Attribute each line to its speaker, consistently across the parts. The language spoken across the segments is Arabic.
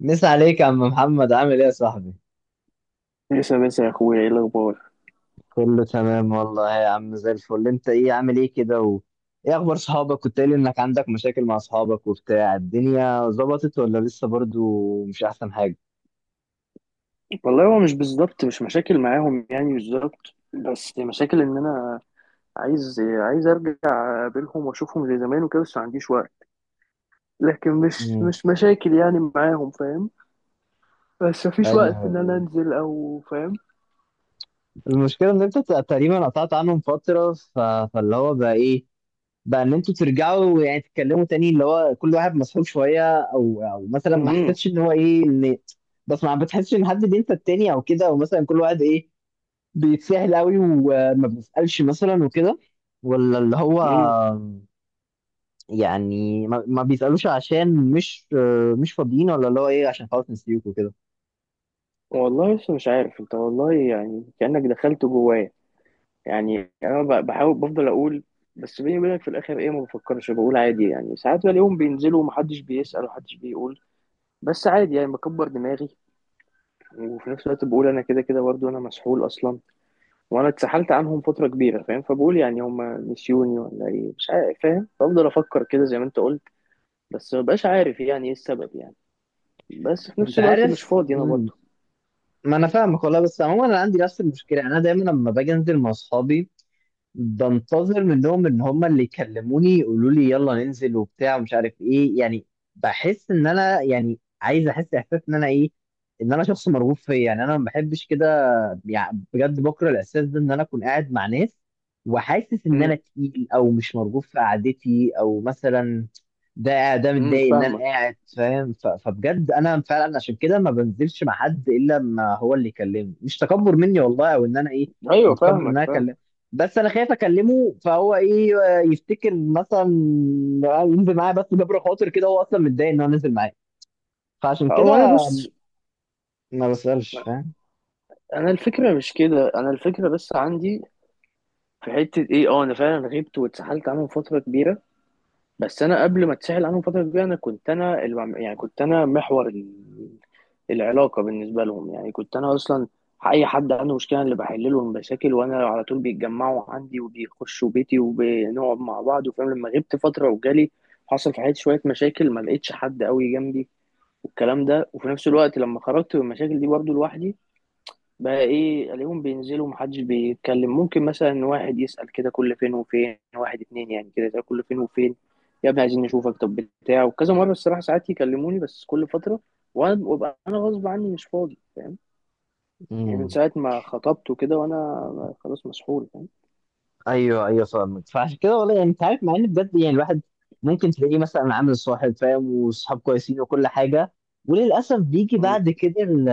Speaker 1: مسا عليك يا عم محمد، عامل ايه يا صاحبي؟
Speaker 2: لسه بس يا اخويا، ايه الاخبار؟
Speaker 1: كله تمام والله يا عم، زي الفل. انت ايه، عامل ايه كده و... ايه اخبار صحابك؟ كنت قايل انك عندك مشاكل مع صحابك وبتاع، الدنيا ظبطت ولا لسه برضو مش احسن حاجة؟
Speaker 2: والله هو مش بالظبط، مش مشاكل معاهم يعني بالظبط، بس مشاكل ان انا عايز ارجع اقابلهم واشوفهم زي زمان وكده، بس ما عنديش وقت. لكن مش
Speaker 1: امم
Speaker 2: مش مشاكل يعني معاهم، فاهم؟ بس مفيش وقت ان انا
Speaker 1: ايوه
Speaker 2: انزل، او فاهم.
Speaker 1: المشكلة ان انت تقريبا قطعت عنهم فترة ف... فاللي هو بقى ايه، بقى ان انتوا ترجعوا يعني تتكلموا تاني، اللي هو كل واحد مسحوب شوية، او مثلا ما
Speaker 2: امم
Speaker 1: حسيتش ان هو ايه، ان بس ما بتحسش ان حد بينسى التاني او كده، او مثلا كل واحد ايه، بيتسهل قوي وما بيسألش مثلا وكده، ولا اللي هو
Speaker 2: امم
Speaker 1: يعني ما بيسألوش عشان مش مش فاضيين، ولا اللي هو ايه، عشان خلاص نسيوك وكده.
Speaker 2: والله لسه مش عارف، انت والله يعني كأنك دخلت جوايا. يعني انا بحاول، بفضل اقول، بس بيني وبينك في الاخر ايه، ما بفكرش، بقول عادي يعني. ساعات بلاقيهم بينزلوا ومحدش بيسأل ومحدش بيقول، بس عادي يعني بكبر دماغي. وفي نفس الوقت بقول انا كده كده برضه انا مسحول اصلا، وانا اتسحلت عنهم فتره كبيره، فاهم؟ فبقول يعني هم نسيوني ولا ايه، مش عارف، فاهم؟ بفضل افكر كده زي ما انت قلت، بس مبقاش عارف يعني ايه السبب يعني. بس في نفس
Speaker 1: انت
Speaker 2: الوقت مش
Speaker 1: عارف،
Speaker 2: فاضي انا برضه.
Speaker 1: ما انا فاهمك والله. بس عموما انا عندي نفس المشكلة، انا دايما لما باجي انزل مع اصحابي بنتظر منهم ان هم اللي يكلموني، يقولوا لي يلا ننزل وبتاع ومش عارف ايه، يعني بحس ان انا يعني عايز احس احساس ان انا ايه، ان انا شخص مرغوب فيه. يعني انا ما بحبش كده، يعني بجد بكره الاحساس ده ان انا اكون قاعد مع ناس وحاسس ان
Speaker 2: امم
Speaker 1: انا تقيل او مش مرغوب في قعدتي، او مثلا ده متضايق ان انا
Speaker 2: فاهمك.
Speaker 1: قاعد، فاهم؟ فبجد انا فعلا عشان كده ما بنزلش مع حد الا لما هو اللي يكلمني، مش تكبر مني والله او ان انا ايه
Speaker 2: ايوه
Speaker 1: متكبر ان
Speaker 2: فاهمك،
Speaker 1: انا
Speaker 2: فاهم.
Speaker 1: اكلم. بس انا خايف اكلمه فهو ايه يفتكر مثلا ينزل معايا بس جبر خاطر، كده هو اصلا متضايق ان هو نزل معايا، فعشان كده
Speaker 2: هو انا بص،
Speaker 1: ما بسألش.
Speaker 2: انا الفكره مش كده، انا الفكره بس عندي في حته ايه، انا فعلا غبت واتسحلت عنهم فتره كبيره، بس انا قبل ما اتسحل عنهم فتره كبيره انا كنت يعني كنت انا محور العلاقه بالنسبه لهم. يعني كنت انا اصلا، اي حد عنده مشكله، أنا اللي بحل له المشاكل، وانا على طول بيتجمعوا عندي وبيخشوا بيتي وبنقعد مع بعض وفاهم. لما غبت فتره وجالي، حصل في حياتي شويه مشاكل، ما لقيتش حد قوي جنبي والكلام ده. وفي نفس الوقت لما خرجت من المشاكل دي برضو لوحدي، بقى ايه، الاقيهم بينزلوا، محدش بيتكلم. ممكن مثلا واحد يسأل كده كل فين وفين، واحد اتنين يعني كده يسأل كل فين وفين، يا ابني عايزين نشوفك، طب، بتاع. وكذا مرة الصراحة ساعات يكلموني، بس كل فترة، وانا وابقى انا غصب عني مش فاضي، فاهم؟ يعني من
Speaker 1: فاهم؟
Speaker 2: ساعة ما خطبت وكده، وانا خلاص مسحول، فاهم؟
Speaker 1: ايوه ايوه فاهمك. فعشان كده والله، يعني انت عارف، مع ان بجد يعني الواحد ممكن تلاقيه مثلا عامل صاحب فاهم، وصحاب كويسين وكل حاجه، وللاسف بيجي
Speaker 2: مم،
Speaker 1: بعد كده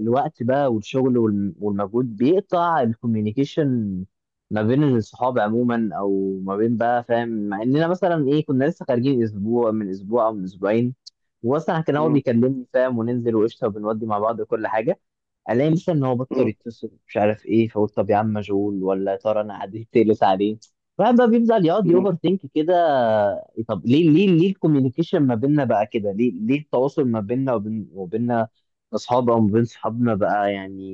Speaker 1: الوقت بقى والشغل والمجهود، بيقطع الكوميونيكيشن ما بين الصحاب عموما، او ما بين بقى فاهم، مع اننا مثلا ايه كنا لسه خارجين اسبوع من اسبوع او من اسبوعين، واصلا كان هو
Speaker 2: مم،
Speaker 1: بيكلمني فاهم وننزل وقشطه وبنودي مع بعض وكل حاجه. الاقي مثلا ان هو بطل
Speaker 2: مم،
Speaker 1: يتصل مش عارف ايه، فاقول طب يا عم مشغول، ولا يا ترى انا عديت تقلت عليه؟ الواحد بقى بيفضل يقعد
Speaker 2: مم،
Speaker 1: يوفر ثينك كده. طب ليه ليه الكوميونيكيشن ما بيننا بقى كده، ليه ليه التواصل ما بيننا وبين وبيننا اصحاب، او ما بين صحابنا بقى يعني؟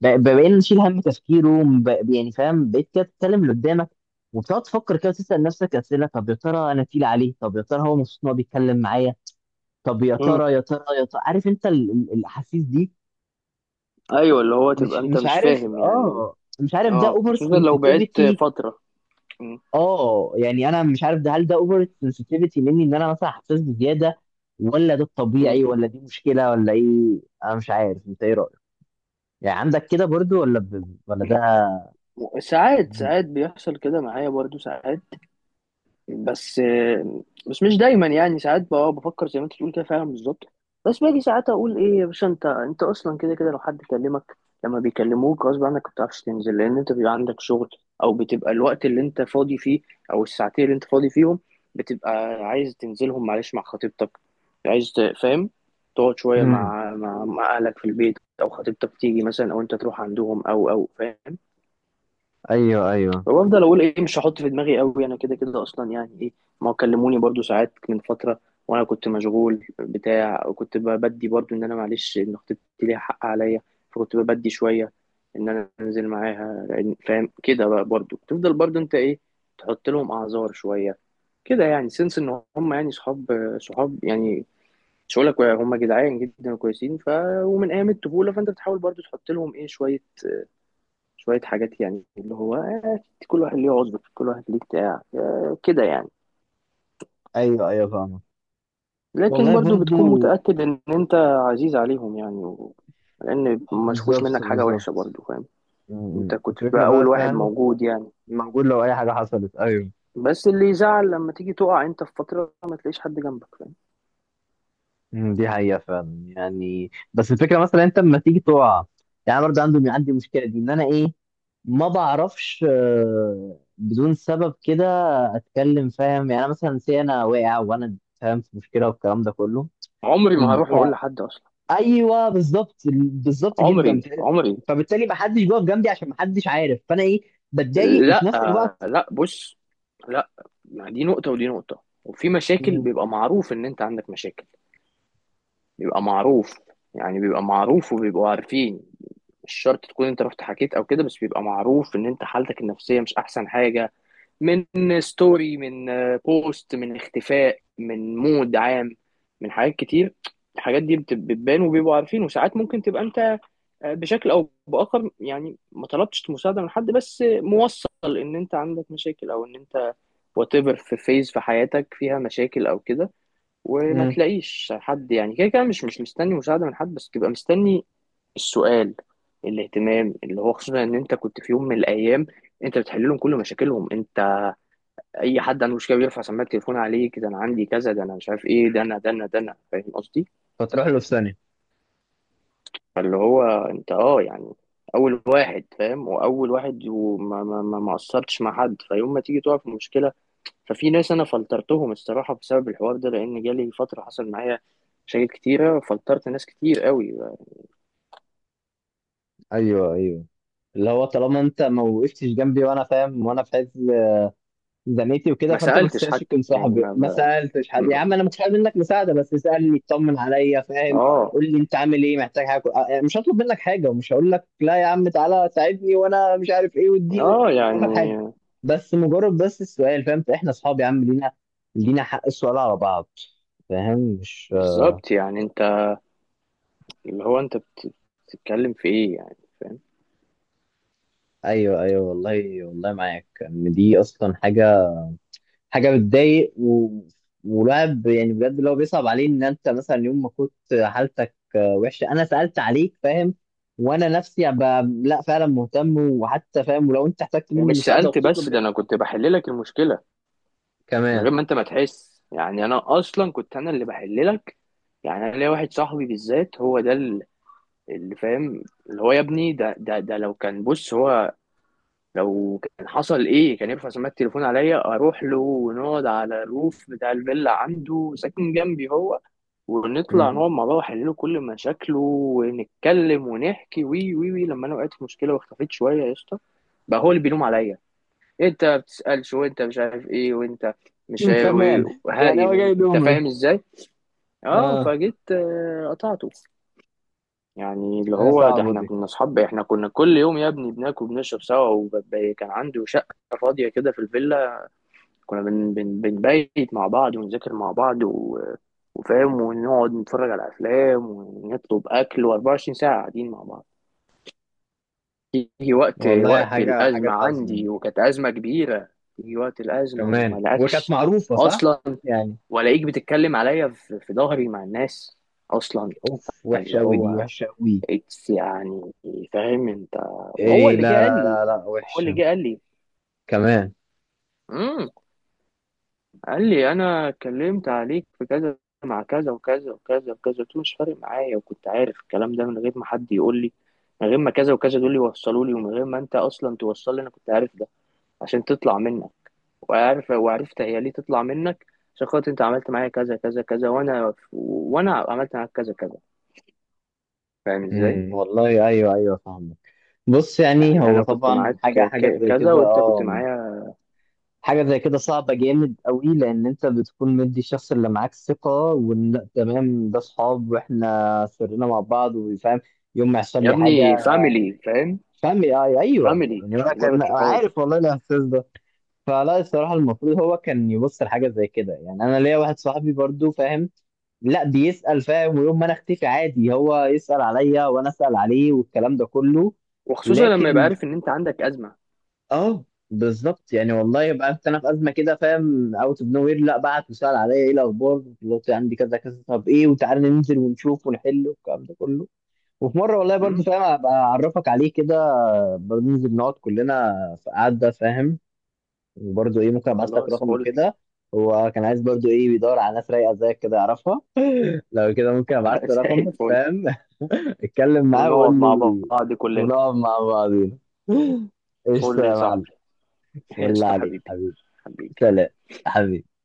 Speaker 1: بقينا نشيل هم تفكيره يعني فاهم، بقيت كده تتكلم اللي قدامك وبتقعد تفكر كده، تسأل نفسك أسئلة، طب يا ترى أنا تقيل عليه، طب يا ترى هو مبسوط إن هو بيتكلم معايا، طب يا
Speaker 2: مم.
Speaker 1: ترى عارف أنت الأحاسيس دي.
Speaker 2: ايوه، اللي هو تبقى
Speaker 1: مش
Speaker 2: انت
Speaker 1: مش
Speaker 2: مش
Speaker 1: عارف،
Speaker 2: فاهم يعني.
Speaker 1: اه مش عارف، ده
Speaker 2: اه،
Speaker 1: اوفر
Speaker 2: خصوصا لو بعدت
Speaker 1: سنسيتيفيتي.
Speaker 2: فترة. مم،
Speaker 1: اه يعني انا مش عارف، ده هل ده اوفر سنسيتيفيتي مني، ان انا مثلا حساس بزياده، ولا ده
Speaker 2: مم.
Speaker 1: الطبيعي، ولا دي مشكله، ولا ايه؟ انا مش عارف، انت ايه رايك؟ يعني عندك كده برضو، ولا ب... ولا ده.
Speaker 2: ساعات ساعات بيحصل كده معايا برضو، ساعات، بس بس مش دايما يعني. ساعات بقى بفكر زي ما انت بتقول كده فعلا بالظبط، بس باجي ساعات اقول ايه، يا باشا انت اصلا كده كده لو حد كلمك، لما بيكلموك غصب عنك ما بتعرفش تنزل، لان انت بيبقى عندك شغل، او بتبقى الوقت اللي انت فاضي فيه، او الساعتين اللي انت فاضي فيهم، بتبقى عايز تنزلهم معلش مع خطيبتك. عايز فاهم، تقعد شويه
Speaker 1: امم
Speaker 2: مع اهلك في البيت، او خطيبتك تيجي مثلا، او انت تروح عندهم، او فاهم.
Speaker 1: ايوه ايوه
Speaker 2: وافضل اقول ايه، مش هحط في دماغي قوي، انا كده كده اصلا يعني ايه، ما هو كلموني برضو ساعات من فتره، وانا كنت مشغول بتاع، وكنت بدي برضو ان انا معلش ان خطيبتي ليها حق عليا، فكنت بدي شويه ان انا انزل معاها فاهم. كده بقى برضو تفضل برضو انت ايه، تحط لهم اعذار شويه كده، يعني سنس ان هم يعني صحاب يعني، مش هقول لك هم جدعان جدا وكويسين ف، ومن ايام الطفوله، فانت بتحاول برضو تحط لهم ايه شويه، شوية حاجات، يعني اللي هو كل واحد ليه عذر، كل واحد ليه بتاع، كده يعني.
Speaker 1: ايوه ايوه فاهمك.
Speaker 2: لكن
Speaker 1: والله
Speaker 2: برضو بتكون
Speaker 1: برضو
Speaker 2: متأكد إن أنت عزيز عليهم يعني و، لأن ما شافوش
Speaker 1: بالظبط
Speaker 2: منك حاجة وحشة
Speaker 1: بالظبط.
Speaker 2: برضو، فاهم؟ أنت
Speaker 1: مم.
Speaker 2: كنت
Speaker 1: الفكره
Speaker 2: بقى
Speaker 1: بقى
Speaker 2: أول واحد
Speaker 1: فاهم،
Speaker 2: موجود يعني.
Speaker 1: موجود لو اي حاجه حصلت، ايوه.
Speaker 2: بس اللي يزعل لما تيجي تقع أنت في فترة ما تلاقيش حد جنبك، فاهم؟
Speaker 1: مم، دي حقيقة فعلا يعني. بس الفكرة مثلا انت لما تيجي تقع، يعني أنا برضه عندي عندي مشكلة دي ان انا ايه، ما بعرفش بدون سبب كده اتكلم، فاهم؟ يعني أنا مثلا سي انا واقع وانا فاهم في مشكلة والكلام ده كله،
Speaker 2: عمري ما هروح
Speaker 1: يعني
Speaker 2: أقول لحد أصلا،
Speaker 1: ايوه بالظبط بالظبط جدا،
Speaker 2: عمري، عمري.
Speaker 1: فبالتالي ما حدش بيقف جنبي عشان ما حدش عارف، فانا ايه بتضايق. وفي
Speaker 2: لا،
Speaker 1: نفس الوقت
Speaker 2: لا، بص، لا، ما دي نقطة ودي نقطة. وفي مشاكل
Speaker 1: مم،
Speaker 2: بيبقى معروف إن أنت عندك مشاكل، بيبقى معروف يعني، بيبقى معروف وبيبقوا عارفين. مش شرط تكون انت رحت حكيت او كده، بس بيبقى معروف ان انت حالتك النفسية مش احسن حاجة، من ستوري، من بوست، من اختفاء، من مود عام، من حاجات كتير. الحاجات دي بتبان وبيبقوا عارفين. وساعات ممكن تبقى انت بشكل او باخر، يعني ما طلبتش مساعدة من حد، بس موصل ان انت عندك مشاكل، او ان انت whatever، في فيز في حياتك فيها مشاكل او كده، وما
Speaker 1: مم،
Speaker 2: تلاقيش حد. يعني كده كده مش مستني مساعدة من حد، بس تبقى مستني السؤال، الاهتمام، اللي هو خصوصا ان انت كنت في يوم من الايام انت بتحل لهم كل مشاكلهم. انت، اي حد عنده مشكله بيرفع سماعه التليفون عليك، ده انا عندي كذا، ده انا مش عارف ايه، ده انا فاهم قصدي؟
Speaker 1: فتروح له في ثانية.
Speaker 2: فاللي هو انت، يعني اول واحد فاهم، واول واحد، وما ما ما ما قصرتش مع حد. فيوم ما تيجي تقع في مشكله، ففي ناس انا فلترتهم الصراحه بسبب الحوار ده، لان جالي فتره حصل معايا مشاكل كتيرة، فلترت ناس كتير قوي.
Speaker 1: ايوه ايوه، اللي هو طالما انت ما وقفتش جنبي وانا فاهم وانا في حته زميلتي وكده،
Speaker 2: ما
Speaker 1: فانت ما
Speaker 2: سألتش
Speaker 1: تستاهلش
Speaker 2: حتى
Speaker 1: تكون
Speaker 2: يعني،
Speaker 1: صاحبي. ما سالتش حد، يا
Speaker 2: ما-
Speaker 1: عم انا مش عايز منك مساعده بس اسالني اطمن عليا، فاهم؟
Speaker 2: اه.
Speaker 1: قول لي انت عامل ايه، محتاج حاجه، أه، آه، مش هطلب منك حاجه، ومش هقول لك لا يا عم تعالى ساعدني وانا مش عارف ايه واديني،
Speaker 2: اه
Speaker 1: مش هقول
Speaker 2: يعني
Speaker 1: لك حاجه، بس مجرد بس السؤال، فاهم؟ احنا اصحاب يا عم، لينا لينا حق السؤال على بعض. فاهم؟ مش
Speaker 2: بالظبط، يعني انت اللي هو انت بتتكلم في ايه يعني، فاهم؟
Speaker 1: ايوه ايوه. والله والله معاك ان دي اصلا حاجه حاجه بتضايق و... والواحد يعني بجد اللي هو بيصعب عليه، ان انت مثلا يوم ما كنت حالتك وحشه انا سالت عليك، فاهم؟ وانا نفسي أبقى لا فعلا مهتم وحتى فاهم، ولو انت احتجت مني
Speaker 2: ومش
Speaker 1: مساعده
Speaker 2: سألت،
Speaker 1: وبتطلب
Speaker 2: بس ده
Speaker 1: مني
Speaker 2: انا كنت بحل لك المشكلة من
Speaker 1: كمان.
Speaker 2: غير ما انت ما تحس، يعني انا اصلا كنت انا اللي بحل لك. يعني انا ليا واحد صاحبي بالذات، هو ده اللي فاهم، اللي هو يا ابني، ده لو كان بص هو، لو كان حصل ايه، كان يرفع سماعة التليفون عليا، اروح له ونقعد على الروف بتاع الفيلا، عنده ساكن جنبي هو، ونطلع
Speaker 1: امم
Speaker 2: نقعد مع بعض، واحلله كل مشاكله، ونتكلم ونحكي وي وي وي لما انا وقعت في مشكله واختفيت شويه يا اسطى، بقى هو اللي بيلوم عليا، انت ما بتسالش وانت مش عارف ايه، وانت مش عارف-
Speaker 1: كمان يعني
Speaker 2: وهاري
Speaker 1: هو جاي
Speaker 2: من انت، فاهم
Speaker 1: يلومك؟
Speaker 2: ازاي؟ اه،
Speaker 1: اه،
Speaker 2: فجيت قطعته. يعني اللي
Speaker 1: حاجه
Speaker 2: هو ده،
Speaker 1: صعبه
Speaker 2: احنا
Speaker 1: دي.
Speaker 2: كنا اصحاب، احنا كنا كل يوم يا ابني بناكل بنشرب سوا، وكان عنده شقه فاضيه كده في الفيلا، كنا بن بن بنبيت مع بعض، ونذاكر مع بعض وفاهم، ونقعد نتفرج على افلام ونطلب اكل، و24 ساعه قاعدين مع بعض. يجي وقت
Speaker 1: والله
Speaker 2: وقت
Speaker 1: حاجه حاجه
Speaker 2: الازمه
Speaker 1: تحزن
Speaker 2: عندي، وكانت ازمه كبيره، يجي وقت الازمه وما
Speaker 1: كمان، وكانت
Speaker 2: لقاكش
Speaker 1: معروفه صح
Speaker 2: اصلا.
Speaker 1: يعني.
Speaker 2: والاقيك بتتكلم عليا في ظهري مع الناس، اصلا.
Speaker 1: اوف،
Speaker 2: اللي
Speaker 1: وحشه قوي دي،
Speaker 2: هو
Speaker 1: وحشه قوي.
Speaker 2: يعني، فاهم انت، وهو
Speaker 1: ايه،
Speaker 2: اللي جه
Speaker 1: لا
Speaker 2: قال
Speaker 1: لا
Speaker 2: لي،
Speaker 1: لا لا
Speaker 2: هو اللي
Speaker 1: وحشه
Speaker 2: جه قال
Speaker 1: كمان.
Speaker 2: لي قال لي انا اتكلمت عليك في كذا مع كذا وكذا وكذا وكذا. قلت له مش فارق معايا، وكنت عارف الكلام ده من غير ما حد يقول لي، من غير ما كذا وكذا دول يوصلوا لي، ومن غير ما انت اصلا توصل لي، انا كنت عارف ده عشان تطلع منك. وعرفت هي ليه تطلع منك، عشان خاطر انت عملت معايا كذا كذا كذا، وانا عملت معاك كذا كذا، فاهم ازاي؟
Speaker 1: والله ايوه ايوه فاهمك. بص، يعني
Speaker 2: يعني
Speaker 1: هو
Speaker 2: انا كنت
Speaker 1: طبعا
Speaker 2: معاك
Speaker 1: حاجة حاجة زي
Speaker 2: كذا،
Speaker 1: كده،
Speaker 2: وانت كنت
Speaker 1: اه،
Speaker 2: معايا
Speaker 1: حاجة زي كده صعبة جامد قوي، لأن أنت بتكون مدي الشخص اللي معاك ثقة، وإن لأ تمام ده صحاب وإحنا سرنا مع بعض وفاهم يوم ما يحصل
Speaker 2: يا
Speaker 1: لي حاجة
Speaker 2: ابني فاميلي، فاهم؟
Speaker 1: فاهم، أيوه
Speaker 2: فاميلي،
Speaker 1: يعني،
Speaker 2: مش
Speaker 1: أنا
Speaker 2: مجرد
Speaker 1: كان
Speaker 2: صحاب.
Speaker 1: عارف والله الإحساس ده. فلا، الصراحة المفروض هو كان يبص لحاجة زي كده. يعني أنا ليا واحد صاحبي برضو فاهم، لا بيسأل، فاهم؟ ويوم ما انا اختفي عادي هو يسأل عليا وانا اسأل عليه والكلام ده كله.
Speaker 2: وخصوصا لما يبقى
Speaker 1: لكن
Speaker 2: عارف ان انت عندك ازمه.
Speaker 1: اه بالظبط، يعني والله يبقى انت انا في ازمه كده، فاهم، اوت اوف نو وير، لا بعت وسال عليا ايه الاخبار، دلوقتي عندي كذا كذا طب ايه، وتعالى ننزل ونشوف ونحل والكلام ده كله. وفي مره والله برضو فاهم ابقى اعرفك عليه كده، برضو ننزل نقعد كلنا في قعده فاهم، وبرضو ايه ممكن ابعت لك
Speaker 2: خلاص
Speaker 1: رقمه
Speaker 2: فل.
Speaker 1: كده. هو كان عايز برضو ايه، بيدور على ناس رايقه زيك كده يعرفها، لو كده ممكن ابعت له
Speaker 2: زي
Speaker 1: رقمك،
Speaker 2: الفل.
Speaker 1: فاهم؟ اتكلم معاه وقول
Speaker 2: ونقعد مع
Speaker 1: لي.
Speaker 2: بعض كلنا،
Speaker 1: ونقعد مع بعضينا. قشطه
Speaker 2: فل يا
Speaker 1: يا معلم.
Speaker 2: صاحبي.
Speaker 1: والله
Speaker 2: قشطة
Speaker 1: عليك
Speaker 2: حبيبي،
Speaker 1: حبيبي.
Speaker 2: حبيبي.
Speaker 1: سلام حبيبي.